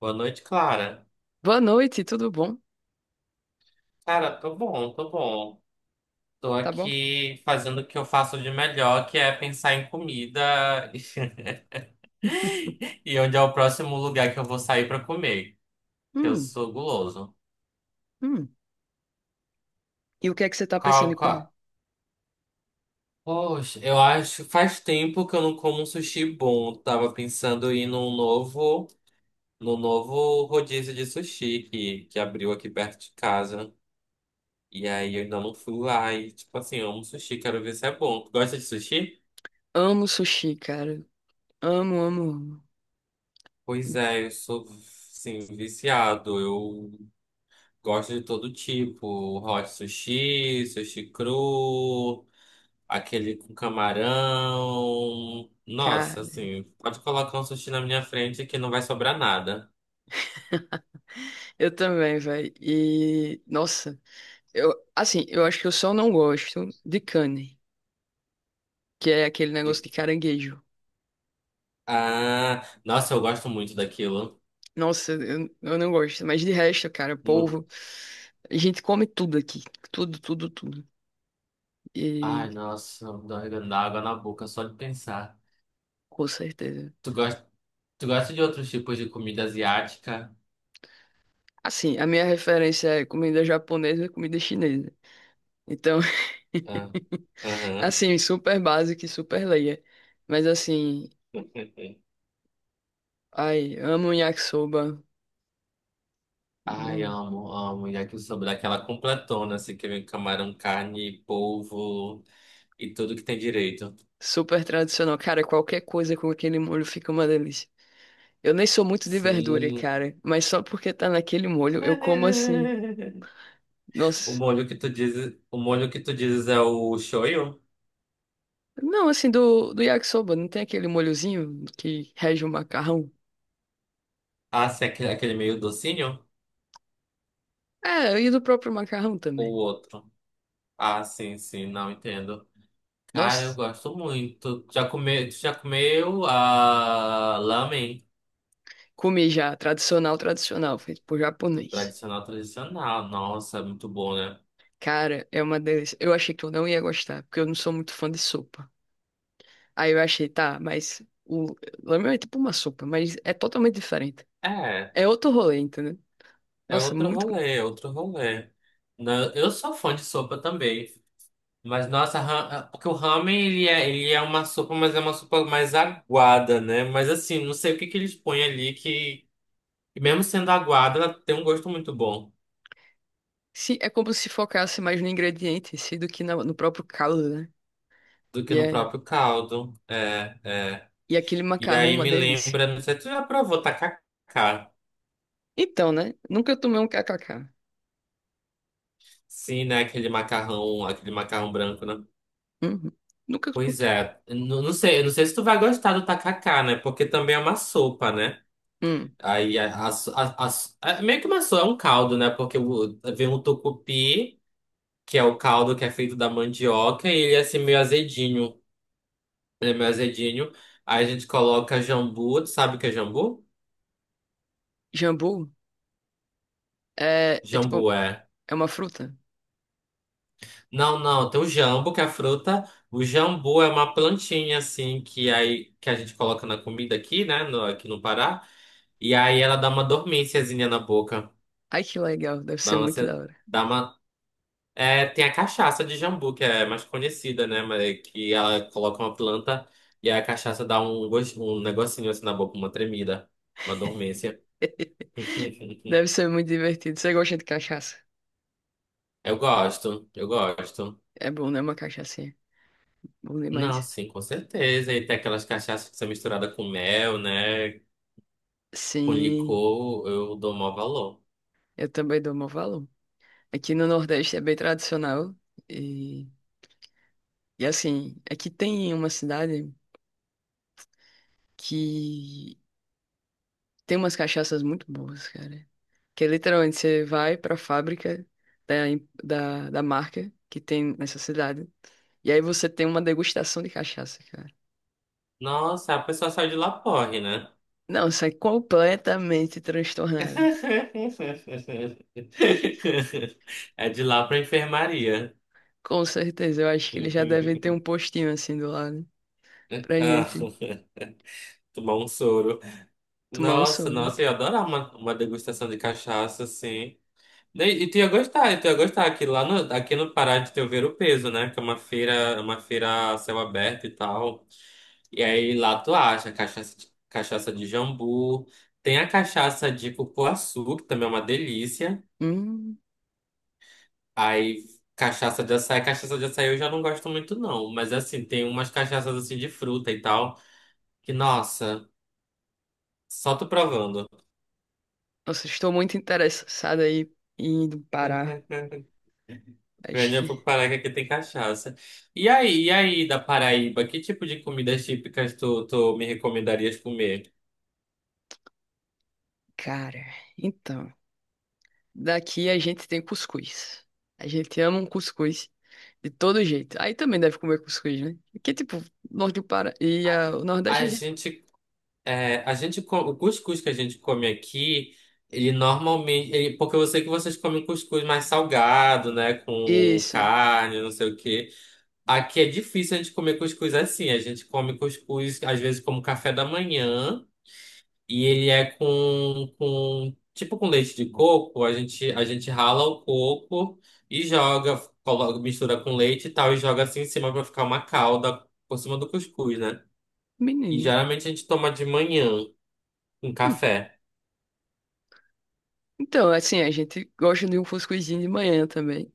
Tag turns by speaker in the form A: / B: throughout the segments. A: Boa noite, Clara.
B: Boa noite, tudo bom?
A: Cara, tô bom, tô bom. Tô
B: Tá bom?
A: aqui fazendo o que eu faço de melhor, que é pensar em comida e onde é o próximo lugar que eu vou sair pra comer, que eu
B: Hum,
A: sou guloso.
B: hum. E o que é que você tá pensando
A: Qual,
B: em
A: qual?
B: comer?
A: Poxa, eu acho faz tempo que eu não como um sushi bom. Tava pensando em ir num novo rodízio de sushi que abriu aqui perto de casa. E aí eu ainda não fui lá. E, tipo assim, eu amo sushi, quero ver se é bom. Tu gosta de sushi?
B: Amo sushi, cara. Amo, amo, amo.
A: Pois é, eu sou, sim, viciado. Eu gosto de todo tipo. Hot sushi, sushi cru, aquele com camarão.
B: Cara,
A: Nossa, assim, pode colocar um sushi na minha frente que não vai sobrar nada.
B: eu também, velho. E, nossa, eu, assim, eu acho que eu só não gosto de carne, que é aquele negócio
A: De-
B: de caranguejo.
A: Ah, nossa, eu gosto muito daquilo.
B: Nossa, eu não gosto. Mas de resto, cara,
A: Não-
B: polvo. A gente come tudo aqui. Tudo, tudo, tudo.
A: Ai,
B: E
A: nossa, dá água na boca só de pensar.
B: com certeza.
A: Tu gosta, tu gosta de outros tipos de comida asiática?
B: Assim, a minha referência é comida japonesa e comida chinesa. Então,
A: Ah, aham.
B: assim, super básico e super leia. Mas assim, ai, amo yakisoba.
A: Ai,
B: Hum.
A: amo, amo. Yakisoba, daquela completona, assim, que vem camarão, carne, polvo e tudo que tem direito.
B: Super tradicional. Cara, qualquer coisa com aquele molho fica uma delícia. Eu nem sou muito de verdura,
A: Sim.
B: cara. Mas só porque tá naquele molho, eu como assim. Nossa.
A: O molho que tu dizes é o shoyu?
B: Não, assim, do yakisoba, não tem aquele molhozinho que rege o macarrão?
A: Ah, sim, aquele meio docinho?
B: É, e do próprio macarrão também.
A: Ou outro? Ah, sim, sim, não entendo. Cara, eu
B: Nossa,
A: gosto muito. Já comeu a lamen?
B: comi já, tradicional, tradicional, feito por japonês.
A: Tradicional, tradicional. Nossa, é muito bom, né?
B: Cara, é uma delícia. Eu achei que eu não ia gostar, porque eu não sou muito fã de sopa. Aí eu achei, tá, mas o ramen é tipo uma sopa, mas é totalmente diferente.
A: É.
B: É outro rolê, entendeu?
A: É
B: Nossa,
A: outro
B: muito...
A: rolê, é outro rolê. Eu sou fã de sopa também. Mas, nossa, porque o ramen, ele é uma sopa, mas é uma sopa mais aguada, né? Mas, assim, não sei o que que eles põem ali que mesmo sendo aguada, ela tem um gosto muito bom
B: Se, é como se focasse mais no ingrediente, em si do que na- no próprio caldo, né?
A: do que
B: E,
A: no
B: é,
A: próprio caldo. É, é.
B: e aquele
A: E
B: macarrão, é
A: aí
B: uma
A: me
B: delícia.
A: lembra, não sei, se tu já provou tacacá?
B: Então, né? Nunca tomei um kkk.
A: Sim, né? Aquele macarrão branco, né?
B: Uhum. Nunca. Cu-
A: Pois é. Não, não sei se tu vai gostar do tacacá, né? Porque também é uma sopa, né?
B: hum.
A: Aí a, as a- é meio que uma só é um caldo, né? Vem um tucupi, que é o caldo que é feito da mandioca, e ele é assim meio azedinho. Ele é meio azedinho. Aí a gente coloca jambu, tu sabe o que é jambu?
B: Jambu é, é tipo,
A: Jambu é.
B: é uma fruta.
A: Não, não, tem o jambo, que é a fruta. O jambu é uma plantinha, assim, que aí que a gente coloca na comida aqui, né? No, aqui no Pará. E aí ela dá uma dormênciazinha na boca.
B: Ai, que legal. Deve ser
A: Dá uma,
B: muito da hora.
A: dá uma, É, tem a cachaça de jambu, que é mais conhecida, né? Mas que ela coloca uma planta e a cachaça dá um, gosto, um negocinho assim na boca, uma tremida, uma dormência.
B: Deve ser muito divertido. Você gosta de cachaça?
A: Eu gosto, eu gosto.
B: É bom, né? Uma cachaçinha. Bom
A: Não,
B: demais.
A: sim, com certeza. E tem aquelas cachaças que são misturadas com mel, né? Com
B: Sim,
A: licor, eu dou maior valor.
B: eu também dou meu valor. Aqui no Nordeste é bem tradicional. E, e assim, aqui tem uma cidade que tem umas cachaças muito boas, cara. Que é literalmente você vai para a fábrica da, em- da, da marca que tem nessa cidade. E aí você tem uma degustação de cachaça, cara.
A: Nossa, a pessoa saiu de lá porre, né?
B: Não, sai completamente transtornado.
A: É de lá pra enfermaria.
B: Com certeza, eu acho que eles já devem ter um postinho assim do lado pra
A: Ah,
B: gente
A: tomar um soro.
B: tomar um
A: Nossa,
B: soro.
A: nossa, eu ia adorar uma degustação de cachaça, assim. E tu ia gostar, e tu ia gostar. Aqui no Pará de teu ver o peso, né? Que é uma feira a céu aberto e tal. E aí lá tu acha cachaça, cachaça de jambu. Tem a cachaça de cupuaçu, que também é uma delícia.
B: Hum,
A: Aí cachaça de açaí. Cachaça de açaí eu já não gosto muito, não. Mas assim, tem umas cachaças assim de fruta e tal. Que, nossa, só tu provando.
B: nossa, estou muito interessado aí em indo Pará. Acho
A: Velho, eu vou
B: que,
A: parar que aqui tem cachaça. Da Paraíba, que tipo de comidas típicas tu me recomendarias comer?
B: cara, então, daqui a gente tem cuscuz. A gente ama um cuscuz. De todo jeito. Aí também deve comer cuscuz, né? Que tipo, norte do Pará e
A: A,
B: ah, o Nordeste
A: a
B: a gente...
A: gente, é, a gente, co- o cuscuz que a gente come aqui, ele normalmente, porque eu sei que vocês comem cuscuz mais salgado, né, com
B: Isso,
A: carne, não sei o quê. Aqui é difícil a gente comer cuscuz assim, a gente come cuscuz às vezes como café da manhã. E ele é com tipo com leite de coco, a gente rala o coco e joga, mistura com leite e tal e joga assim em cima pra ficar uma calda por cima do cuscuz, né? E
B: menino.
A: geralmente a gente toma de manhã com
B: Hum.
A: café.
B: Então, assim, a gente gosta de um cuscuzinho de manhã também.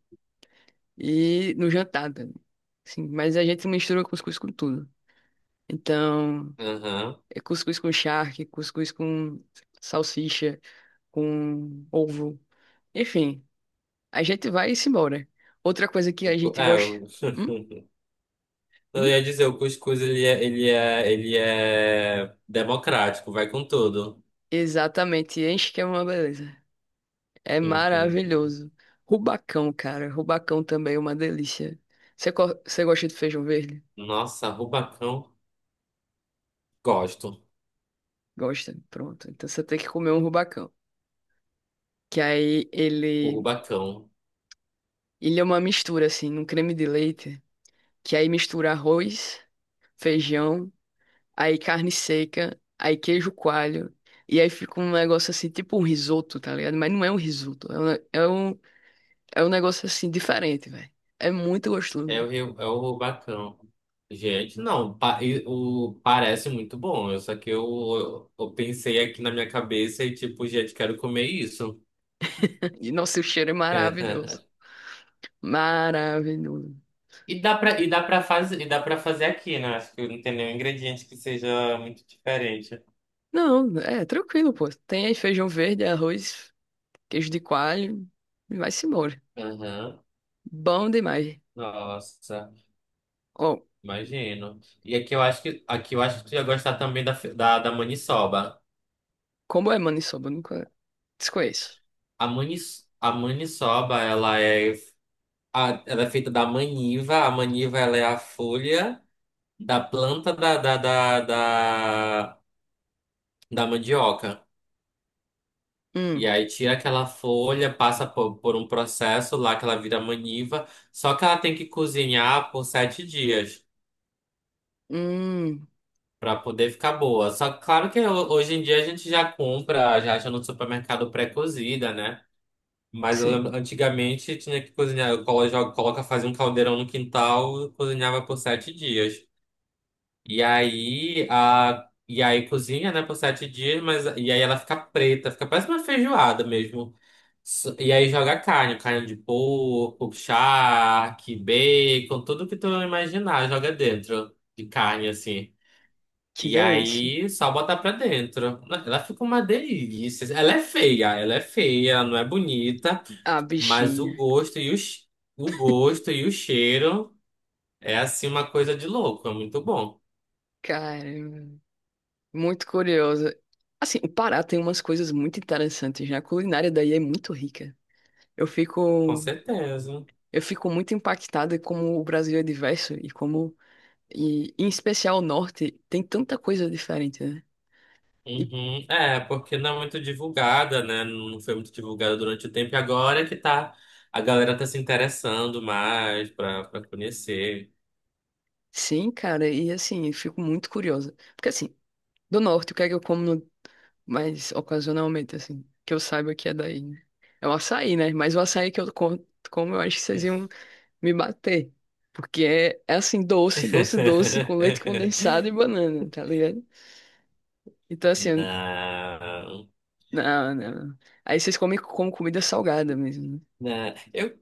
B: E no jantar também. Sim, mas a gente mistura cuscuz com tudo. Então,
A: Aham.
B: é cuscuz com charque, cuscuz com salsicha, com ovo. Enfim, a gente vai e se embora. Outra coisa que
A: O
B: a
A: cu-
B: gente
A: É,
B: gosta...
A: o-
B: Hum?
A: eu
B: Hum?
A: ia dizer, o cuscuz ele é democrático, vai com tudo.
B: Exatamente, enche que é uma beleza. É
A: Uhum.
B: maravilhoso. Rubacão, cara. Rubacão também é uma delícia. Você, co- você gosta de feijão verde?
A: Nossa, rubacão, gosto.
B: Gosta. Pronto. Então você tem que comer um rubacão. Que aí
A: O
B: ele,
A: rubacão.
B: ele é uma mistura, assim, num creme de leite. Que aí mistura arroz, feijão, aí carne seca, aí queijo coalho. E aí fica um negócio assim, tipo um risoto, tá ligado? Mas não é um risoto. É um, ne- é um negócio assim, diferente, velho. É muito
A: É o
B: gostoso.
A: Rio, é o Rubacão. Gente, não, pa- e- o, parece muito bom. Só que eu pensei aqui na minha cabeça e tipo, gente, quero comer isso.
B: E nosso cheiro é maravilhoso. Maravilhoso.
A: E dá pra fazer aqui, né? Acho que não tem nenhum ingrediente que seja muito diferente.
B: Não, é tranquilo, pô. Tem aí feijão verde, arroz, queijo de coalho e vai-se embora.
A: Aham.
B: Bom demais.
A: Nossa,
B: Ó,
A: imagino. E aqui eu acho que tu ia gostar também da maniçoba.
B: como é maniçoba? Eu nunca, desconheço.
A: A maniçoba, ela é feita da maniva. A maniva ela é a folha da planta da, da mandioca. E
B: Hum,
A: aí tira aquela folha, passa por um processo lá que ela vira maniva. Só que ela tem que cozinhar por 7 dias
B: hum,
A: para poder ficar boa. Só que claro que hoje em dia a gente já compra, já acha no supermercado pré-cozida, né? Mas eu
B: sim.
A: lembro, antigamente tinha que cozinhar. Coloca, fazia um caldeirão no quintal, cozinhava por 7 dias. E aí cozinha, né, por 7 dias, mas e aí ela fica preta, fica parece uma feijoada mesmo. E aí joga carne, carne de porco, charque, bacon, tudo que tu imaginar, joga dentro de carne assim.
B: Que
A: E
B: delícia.
A: aí só botar pra dentro. Ela fica uma delícia. Ela é feia, ela é feia, ela não é bonita,
B: Ah,
A: mas
B: bichinha.
A: o gosto e o cheiro é assim uma coisa de louco, é muito bom,
B: Caramba. Muito curiosa. Assim, o Pará tem umas coisas muito interessantes, né? A culinária daí é muito rica. Eu
A: com
B: fico,
A: certeza.
B: eu fico muito impactada como o Brasil é diverso e como, e, em especial o norte, tem tanta coisa diferente, né? E
A: Uhum. É, porque não é muito divulgada, né? Não foi muito divulgada durante o tempo. E agora é que tá. A galera tá se interessando mais pra conhecer.
B: sim, cara, e assim, eu fico muito curiosa. Porque assim, do norte, o que é que eu como no- mais ocasionalmente, assim, que eu saiba que é daí, né? É o açaí, né? Mas o açaí que eu co- como, eu acho que vocês iam me bater. Porque é, é assim, doce, doce, doce, com leite condensado e banana, tá ligado? Então, assim,
A: Não,
B: não, não. Aí vocês comem como comida salgada mesmo, né?
A: não. Eu,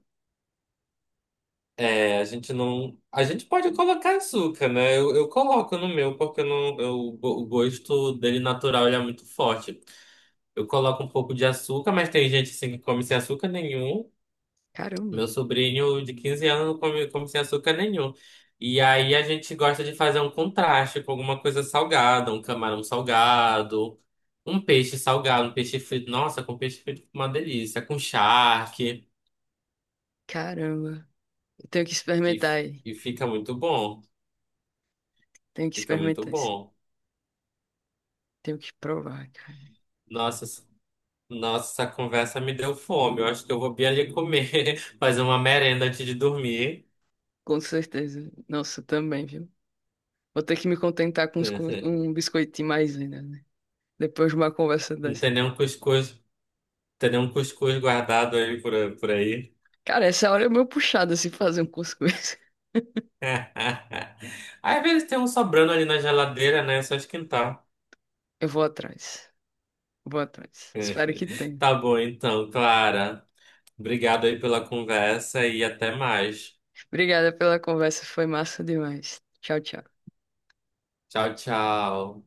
A: é, A gente não. A gente pode colocar açúcar, né? Eu coloco no meu, porque eu não, eu, o gosto dele natural ele é muito forte. Eu coloco um pouco de açúcar, mas tem gente assim que come sem açúcar nenhum.
B: Caramba,
A: Meu sobrinho de 15 anos come sem açúcar nenhum. E aí a gente gosta de fazer um contraste com alguma coisa salgada, um camarão salgado, um peixe frito. Nossa, com peixe frito fica uma delícia, com charque.
B: caramba. Eu tenho que
A: E,
B: experimentar
A: f-
B: aí.
A: e fica muito bom.
B: Tenho que
A: Fica muito
B: experimentar isso aí.
A: bom.
B: Tenho que provar, cara.
A: Nossa, s- nossa, essa conversa me deu fome. Eu acho que eu vou bem ali comer, fazer uma merenda antes de dormir.
B: Com certeza. Nossa, também, viu? Vou ter que me contentar com uns co- um biscoitinho mais ainda, né? Depois de uma conversa
A: Não
B: dessa.
A: tem nenhum cuscuz, tem nenhum cuscuz guardado aí por aí.
B: Cara, essa hora é meio puxada se fazer um cuscuz.
A: Às vezes tem um sobrando ali na geladeira, né? É só esquentar.
B: Eu vou atrás. Vou atrás. Espero que tenha.
A: Tá bom, então, Clara. Obrigado aí pela conversa e até mais.
B: Obrigada pela conversa, foi massa demais. Tchau, tchau.
A: Tchau, tchau.